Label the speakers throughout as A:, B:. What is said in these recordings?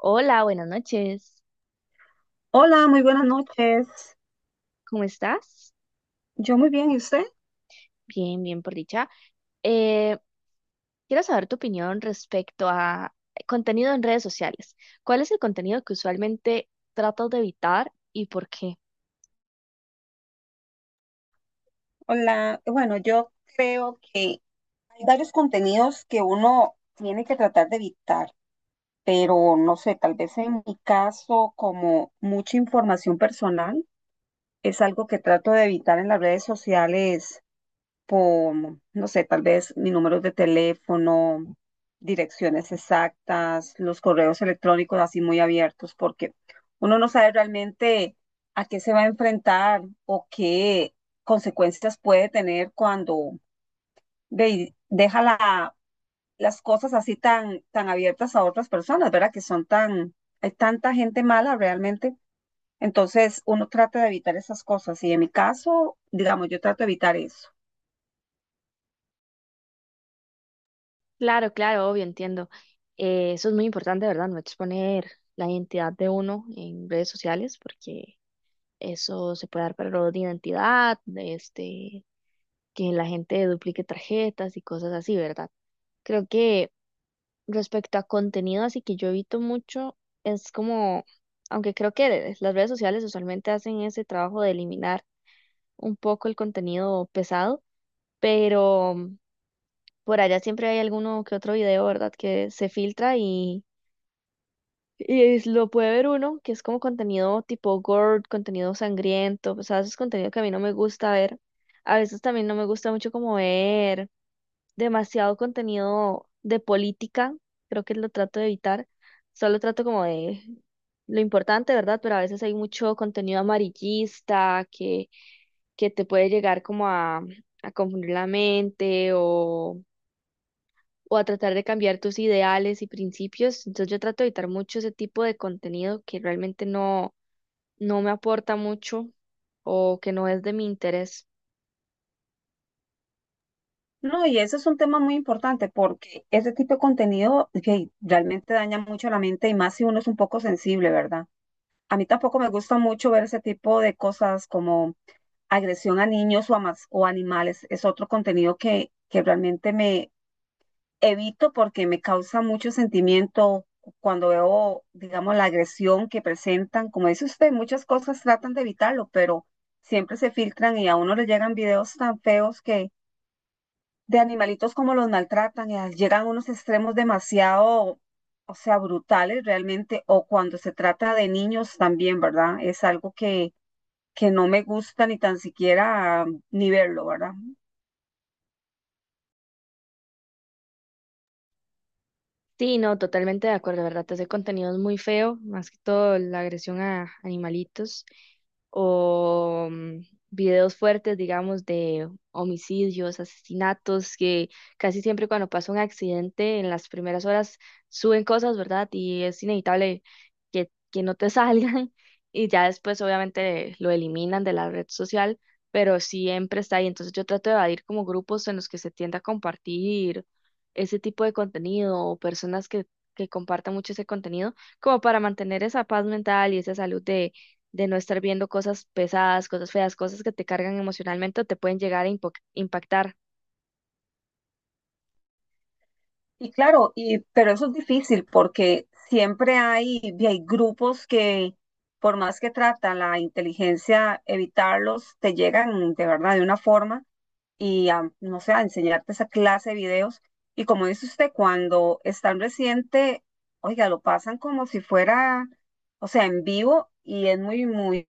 A: Hola, buenas noches.
B: Hola, muy buenas noches.
A: ¿Cómo estás?
B: Yo muy bien, ¿y usted?
A: Bien, bien, por dicha. Eh, quiero saber tu opinión respecto a contenido en redes sociales. ¿Cuál es el contenido que usualmente tratas de evitar y por qué?
B: Hola, bueno, yo creo que hay varios contenidos que uno tiene que tratar de evitar, pero no sé, tal vez en mi caso, como mucha información personal, es algo que trato de evitar en las redes sociales como, no sé, tal vez mi número de teléfono, direcciones exactas, los correos electrónicos así muy abiertos, porque uno no sabe realmente a qué se va a enfrentar o qué consecuencias puede tener cuando ve, las cosas así tan abiertas a otras personas, ¿verdad? Que son tan, hay tanta gente mala realmente. Entonces, uno trata de evitar esas cosas y en mi caso, digamos, yo trato de evitar eso.
A: Claro, claro, obvio, entiendo. Eso es muy importante, ¿verdad? No exponer la identidad de uno en redes sociales porque eso se puede dar para de identidad, este, que la gente duplique tarjetas y cosas así, ¿verdad? Creo que respecto a contenido, así que yo evito mucho, es como, aunque creo que las redes sociales usualmente hacen ese trabajo de eliminar un poco el contenido pesado, pero por allá siempre hay alguno que otro video, ¿verdad? Que se filtra y es- lo puede ver uno, que es como contenido tipo gore, contenido sangriento, o sea, es contenido que a mí no me gusta ver. A veces también no me gusta mucho como ver demasiado contenido de política, creo que lo trato de evitar, solo trato como de lo importante, ¿verdad? Pero a veces hay mucho contenido amarillista que te puede llegar como a confundir la mente o a tratar de cambiar tus ideales y principios. Entonces yo trato de evitar mucho ese tipo de contenido que realmente no me aporta mucho o que no es de mi interés.
B: No, y ese es un tema muy importante porque ese tipo de contenido que realmente daña mucho la mente y más si uno es un poco sensible, ¿verdad? A mí tampoco me gusta mucho ver ese tipo de cosas como agresión a niños o o animales. Es otro contenido que realmente evito porque me causa mucho sentimiento cuando veo, digamos, la agresión que presentan. Como dice usted, muchas cosas tratan de evitarlo, pero siempre se filtran y a uno le llegan videos tan feos que de animalitos como los maltratan, llegan a unos extremos demasiado, o sea, brutales realmente, o cuando se trata de niños también, ¿verdad? Es algo que no me gusta ni tan siquiera ni verlo, ¿verdad?
A: Sí, no, totalmente de acuerdo, ¿verdad? Te hace contenido es muy feo, más que todo la agresión a animalitos o videos fuertes, digamos, de homicidios, asesinatos, que casi siempre cuando pasa un accidente en las primeras horas suben cosas, ¿verdad? Y es inevitable que no te salgan y ya después obviamente lo eliminan de la red social, pero siempre está ahí. Entonces yo trato de evadir como grupos en los que se tiende a compartir ese tipo de contenido o personas que compartan mucho ese contenido, como para mantener esa paz mental y esa salud de no estar viendo cosas pesadas, cosas feas, cosas que te cargan emocionalmente o te pueden llegar a impo- impactar.
B: Y claro, y pero eso es difícil porque siempre hay, y hay grupos que, por más que tratan la inteligencia, evitarlos, te llegan de verdad de una forma y a, no sé, a enseñarte esa clase de videos. Y como dice usted, cuando es tan reciente, oiga, lo pasan como si fuera, o sea, en vivo y es muy, muy,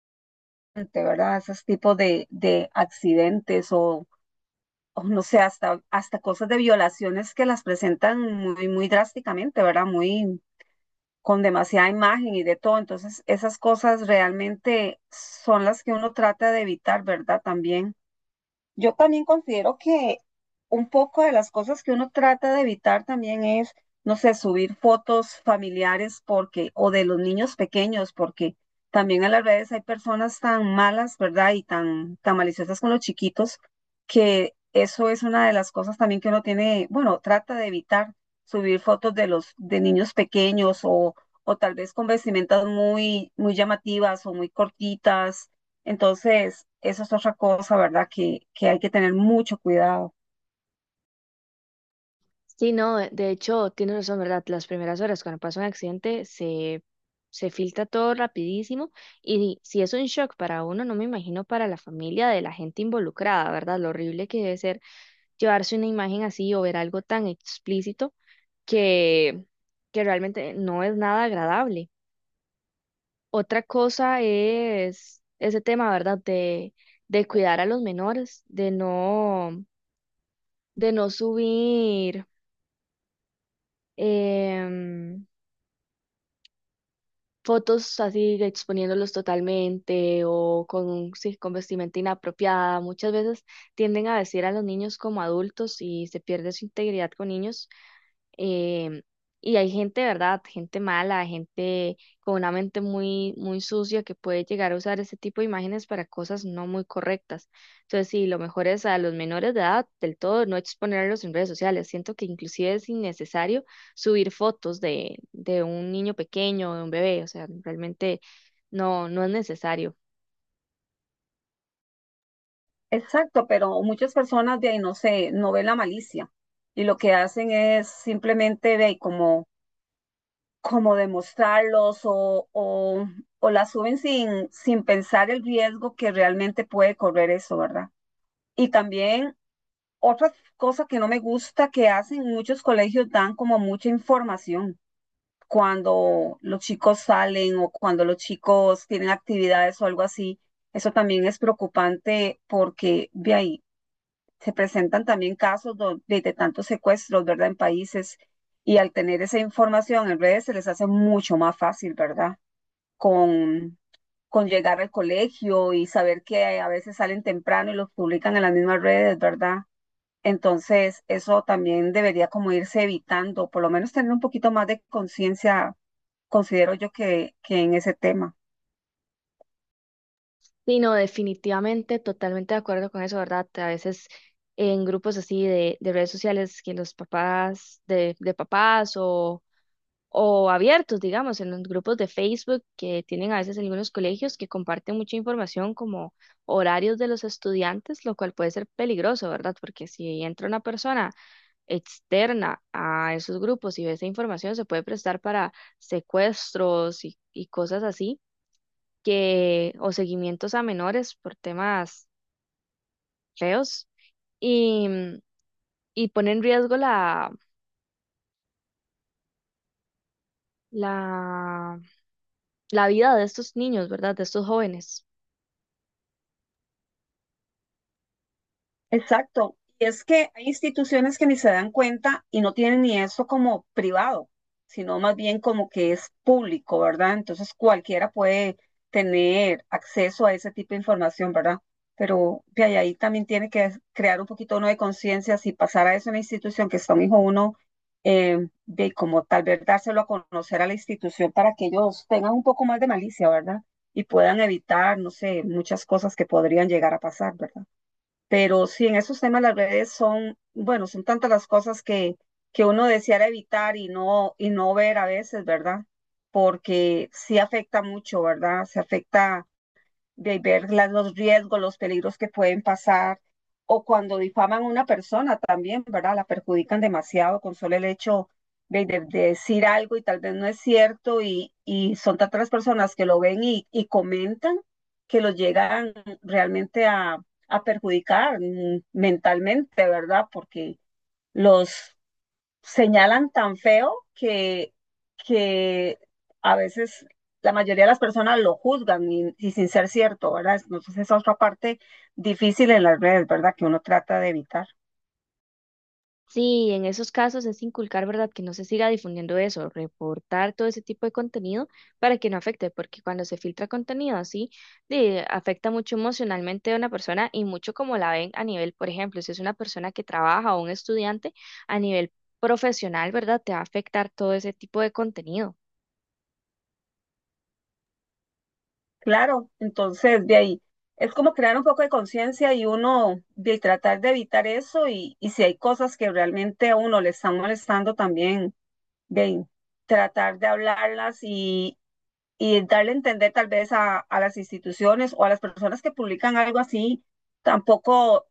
B: de ¿verdad? Esos tipos de accidentes o no sé, hasta cosas de violaciones que las presentan muy drásticamente, ¿verdad? Muy con demasiada imagen y de todo. Entonces, esas cosas realmente son las que uno trata de evitar, ¿verdad? También. Yo también considero que un poco de las cosas que uno trata de evitar también es, no sé, subir fotos familiares porque, o de los niños pequeños, porque también en las redes hay personas tan malas, ¿verdad? Y tan, tan maliciosas con los chiquitos, que eso es una de las cosas también que uno tiene, bueno, trata de evitar subir fotos de niños pequeños o tal vez con vestimentas muy llamativas o muy cortitas. Entonces, eso es otra cosa, ¿verdad? Que hay que tener mucho cuidado.
A: Sí, no, de hecho, tienes razón, ¿verdad? Las primeras horas cuando pasa un accidente se filtra todo rapidísimo y si es un shock para uno, no me imagino para la familia de la gente involucrada, ¿verdad? Lo horrible que debe ser llevarse una imagen así o ver algo tan explícito que, que realmente no es nada agradable. Otra cosa es ese tema, ¿verdad? De cuidar a los menores, de no subir em, fotos así exponiéndolos totalmente o con, sí, con vestimenta inapropiada. Muchas veces tienden a vestir a los niños como adultos y se pierde su integridad con niños em, y hay gente, ¿verdad? Gente mala, gente con una mente muy, muy sucia que puede llegar a usar ese tipo de imágenes para cosas no muy correctas. Entonces, sí, lo mejor es a los menores de edad del todo no exponerlos en redes sociales. Siento que inclusive es innecesario subir fotos de un niño pequeño, de un bebé. O sea, realmente no es necesario.
B: Exacto, pero muchas personas de ahí no sé, no ven la malicia y lo que hacen es simplemente ve como, como demostrarlos o la suben sin pensar el riesgo que realmente puede correr eso, ¿verdad? Y también otra cosa que no me gusta que hacen muchos colegios, dan como mucha información cuando los chicos salen o cuando los chicos tienen actividades o algo así, eso también es preocupante porque de ahí se presentan también de tantos secuestros, ¿verdad? En países y al tener esa información en redes se les hace mucho más fácil, ¿verdad? Con, con llegar al colegio y saber que a veces salen temprano y los publican en las mismas redes, ¿verdad? Entonces, eso también debería como irse evitando, por lo menos tener un poquito más de conciencia, considero yo que en ese tema.
A: Sí, no, definitivamente, totalmente de acuerdo con eso, ¿verdad? A veces en grupos así de redes sociales, que los papás de papás o abiertos, digamos, en los grupos de Facebook que tienen a veces algunos colegios que comparten mucha información como horarios de los estudiantes, lo cual puede ser peligroso, ¿verdad? Porque si entra una persona externa a esos grupos y ve esa información, se puede prestar para secuestros y cosas así que, o seguimientos a menores por temas feos y, y pone en riesgo la, la vida de estos niños, ¿verdad? De estos jóvenes.
B: Exacto. Y es que hay instituciones que ni se dan cuenta y no tienen ni eso como privado, sino más bien como que es público, ¿verdad? Entonces cualquiera puede tener acceso a ese tipo de información, ¿verdad? Pero ahí también tiene que crear un poquito uno de conciencia si pasara eso en la institución que está un hijo uno, de como tal vez dárselo a conocer a la institución para que ellos tengan un poco más de malicia, ¿verdad? Y puedan evitar, no sé, muchas cosas que podrían llegar a pasar, ¿verdad? Pero sí, en esos temas las redes son, bueno, son tantas las cosas que uno deseara evitar y y no ver a veces, ¿verdad? Porque sí afecta mucho, ¿verdad? Se afecta de los riesgos, los peligros que pueden pasar, o cuando difaman a una persona también, ¿verdad? La perjudican demasiado con solo el hecho de decir algo y tal vez no es cierto, y son tantas las personas que lo ven y comentan que los llegan realmente a perjudicar mentalmente, ¿verdad? Porque los señalan tan feo que a veces la mayoría de las personas lo juzgan y sin ser cierto, ¿verdad? Entonces esa otra parte difícil en las redes, ¿verdad? Que uno trata de evitar.
A: Sí, en esos casos es inculcar, ¿verdad? Que no se siga difundiendo eso, reportar todo ese tipo de contenido para que no afecte, porque cuando se filtra contenido así, de- afecta mucho emocionalmente a una persona y mucho como la ven a nivel, por ejemplo, si es una persona que trabaja o un estudiante a nivel profesional, ¿verdad? Te va a afectar todo ese tipo de contenido.
B: Claro, entonces de ahí es como crear un poco de conciencia y uno de tratar de evitar eso y si hay cosas que realmente a uno le están molestando también, de ahí, tratar de hablarlas y darle a entender tal vez a las instituciones o a las personas que publican algo así, tampoco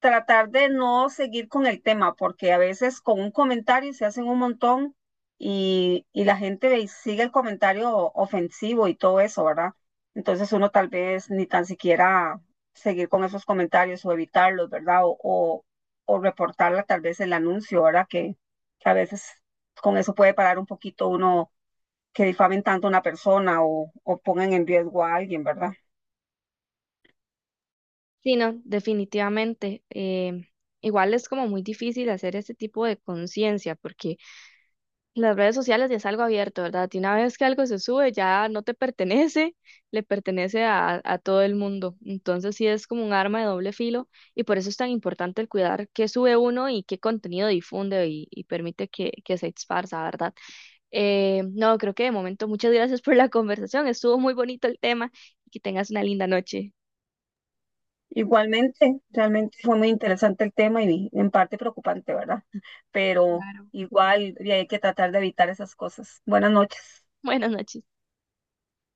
B: tratar de no seguir con el tema, porque a veces con un comentario se hacen un montón y la gente y sigue el comentario ofensivo y todo eso, ¿verdad? Entonces uno tal vez ni tan siquiera seguir con esos comentarios o evitarlos, ¿verdad? O reportarla tal vez el anuncio, ¿verdad? Que a veces con eso puede parar un poquito uno que difamen tanto a una persona o pongan en riesgo a alguien, ¿verdad?
A: Sí, no, definitivamente. Igual es como muy difícil hacer ese tipo de conciencia, porque las redes sociales ya es algo abierto, ¿verdad? Y una vez que algo se sube, ya no te pertenece, le pertenece a todo el mundo. Entonces sí es como un arma de doble filo y por eso es tan importante el cuidar qué sube uno y qué contenido difunde y permite que se esparza, ¿verdad? No, creo que de momento muchas gracias por la conversación. Estuvo muy bonito el tema y que tengas una linda noche.
B: Igualmente, realmente fue muy interesante el tema y en parte preocupante, ¿verdad? Pero
A: Claro.
B: igual y hay que tratar de evitar esas cosas. Buenas noches.
A: Buenas noches.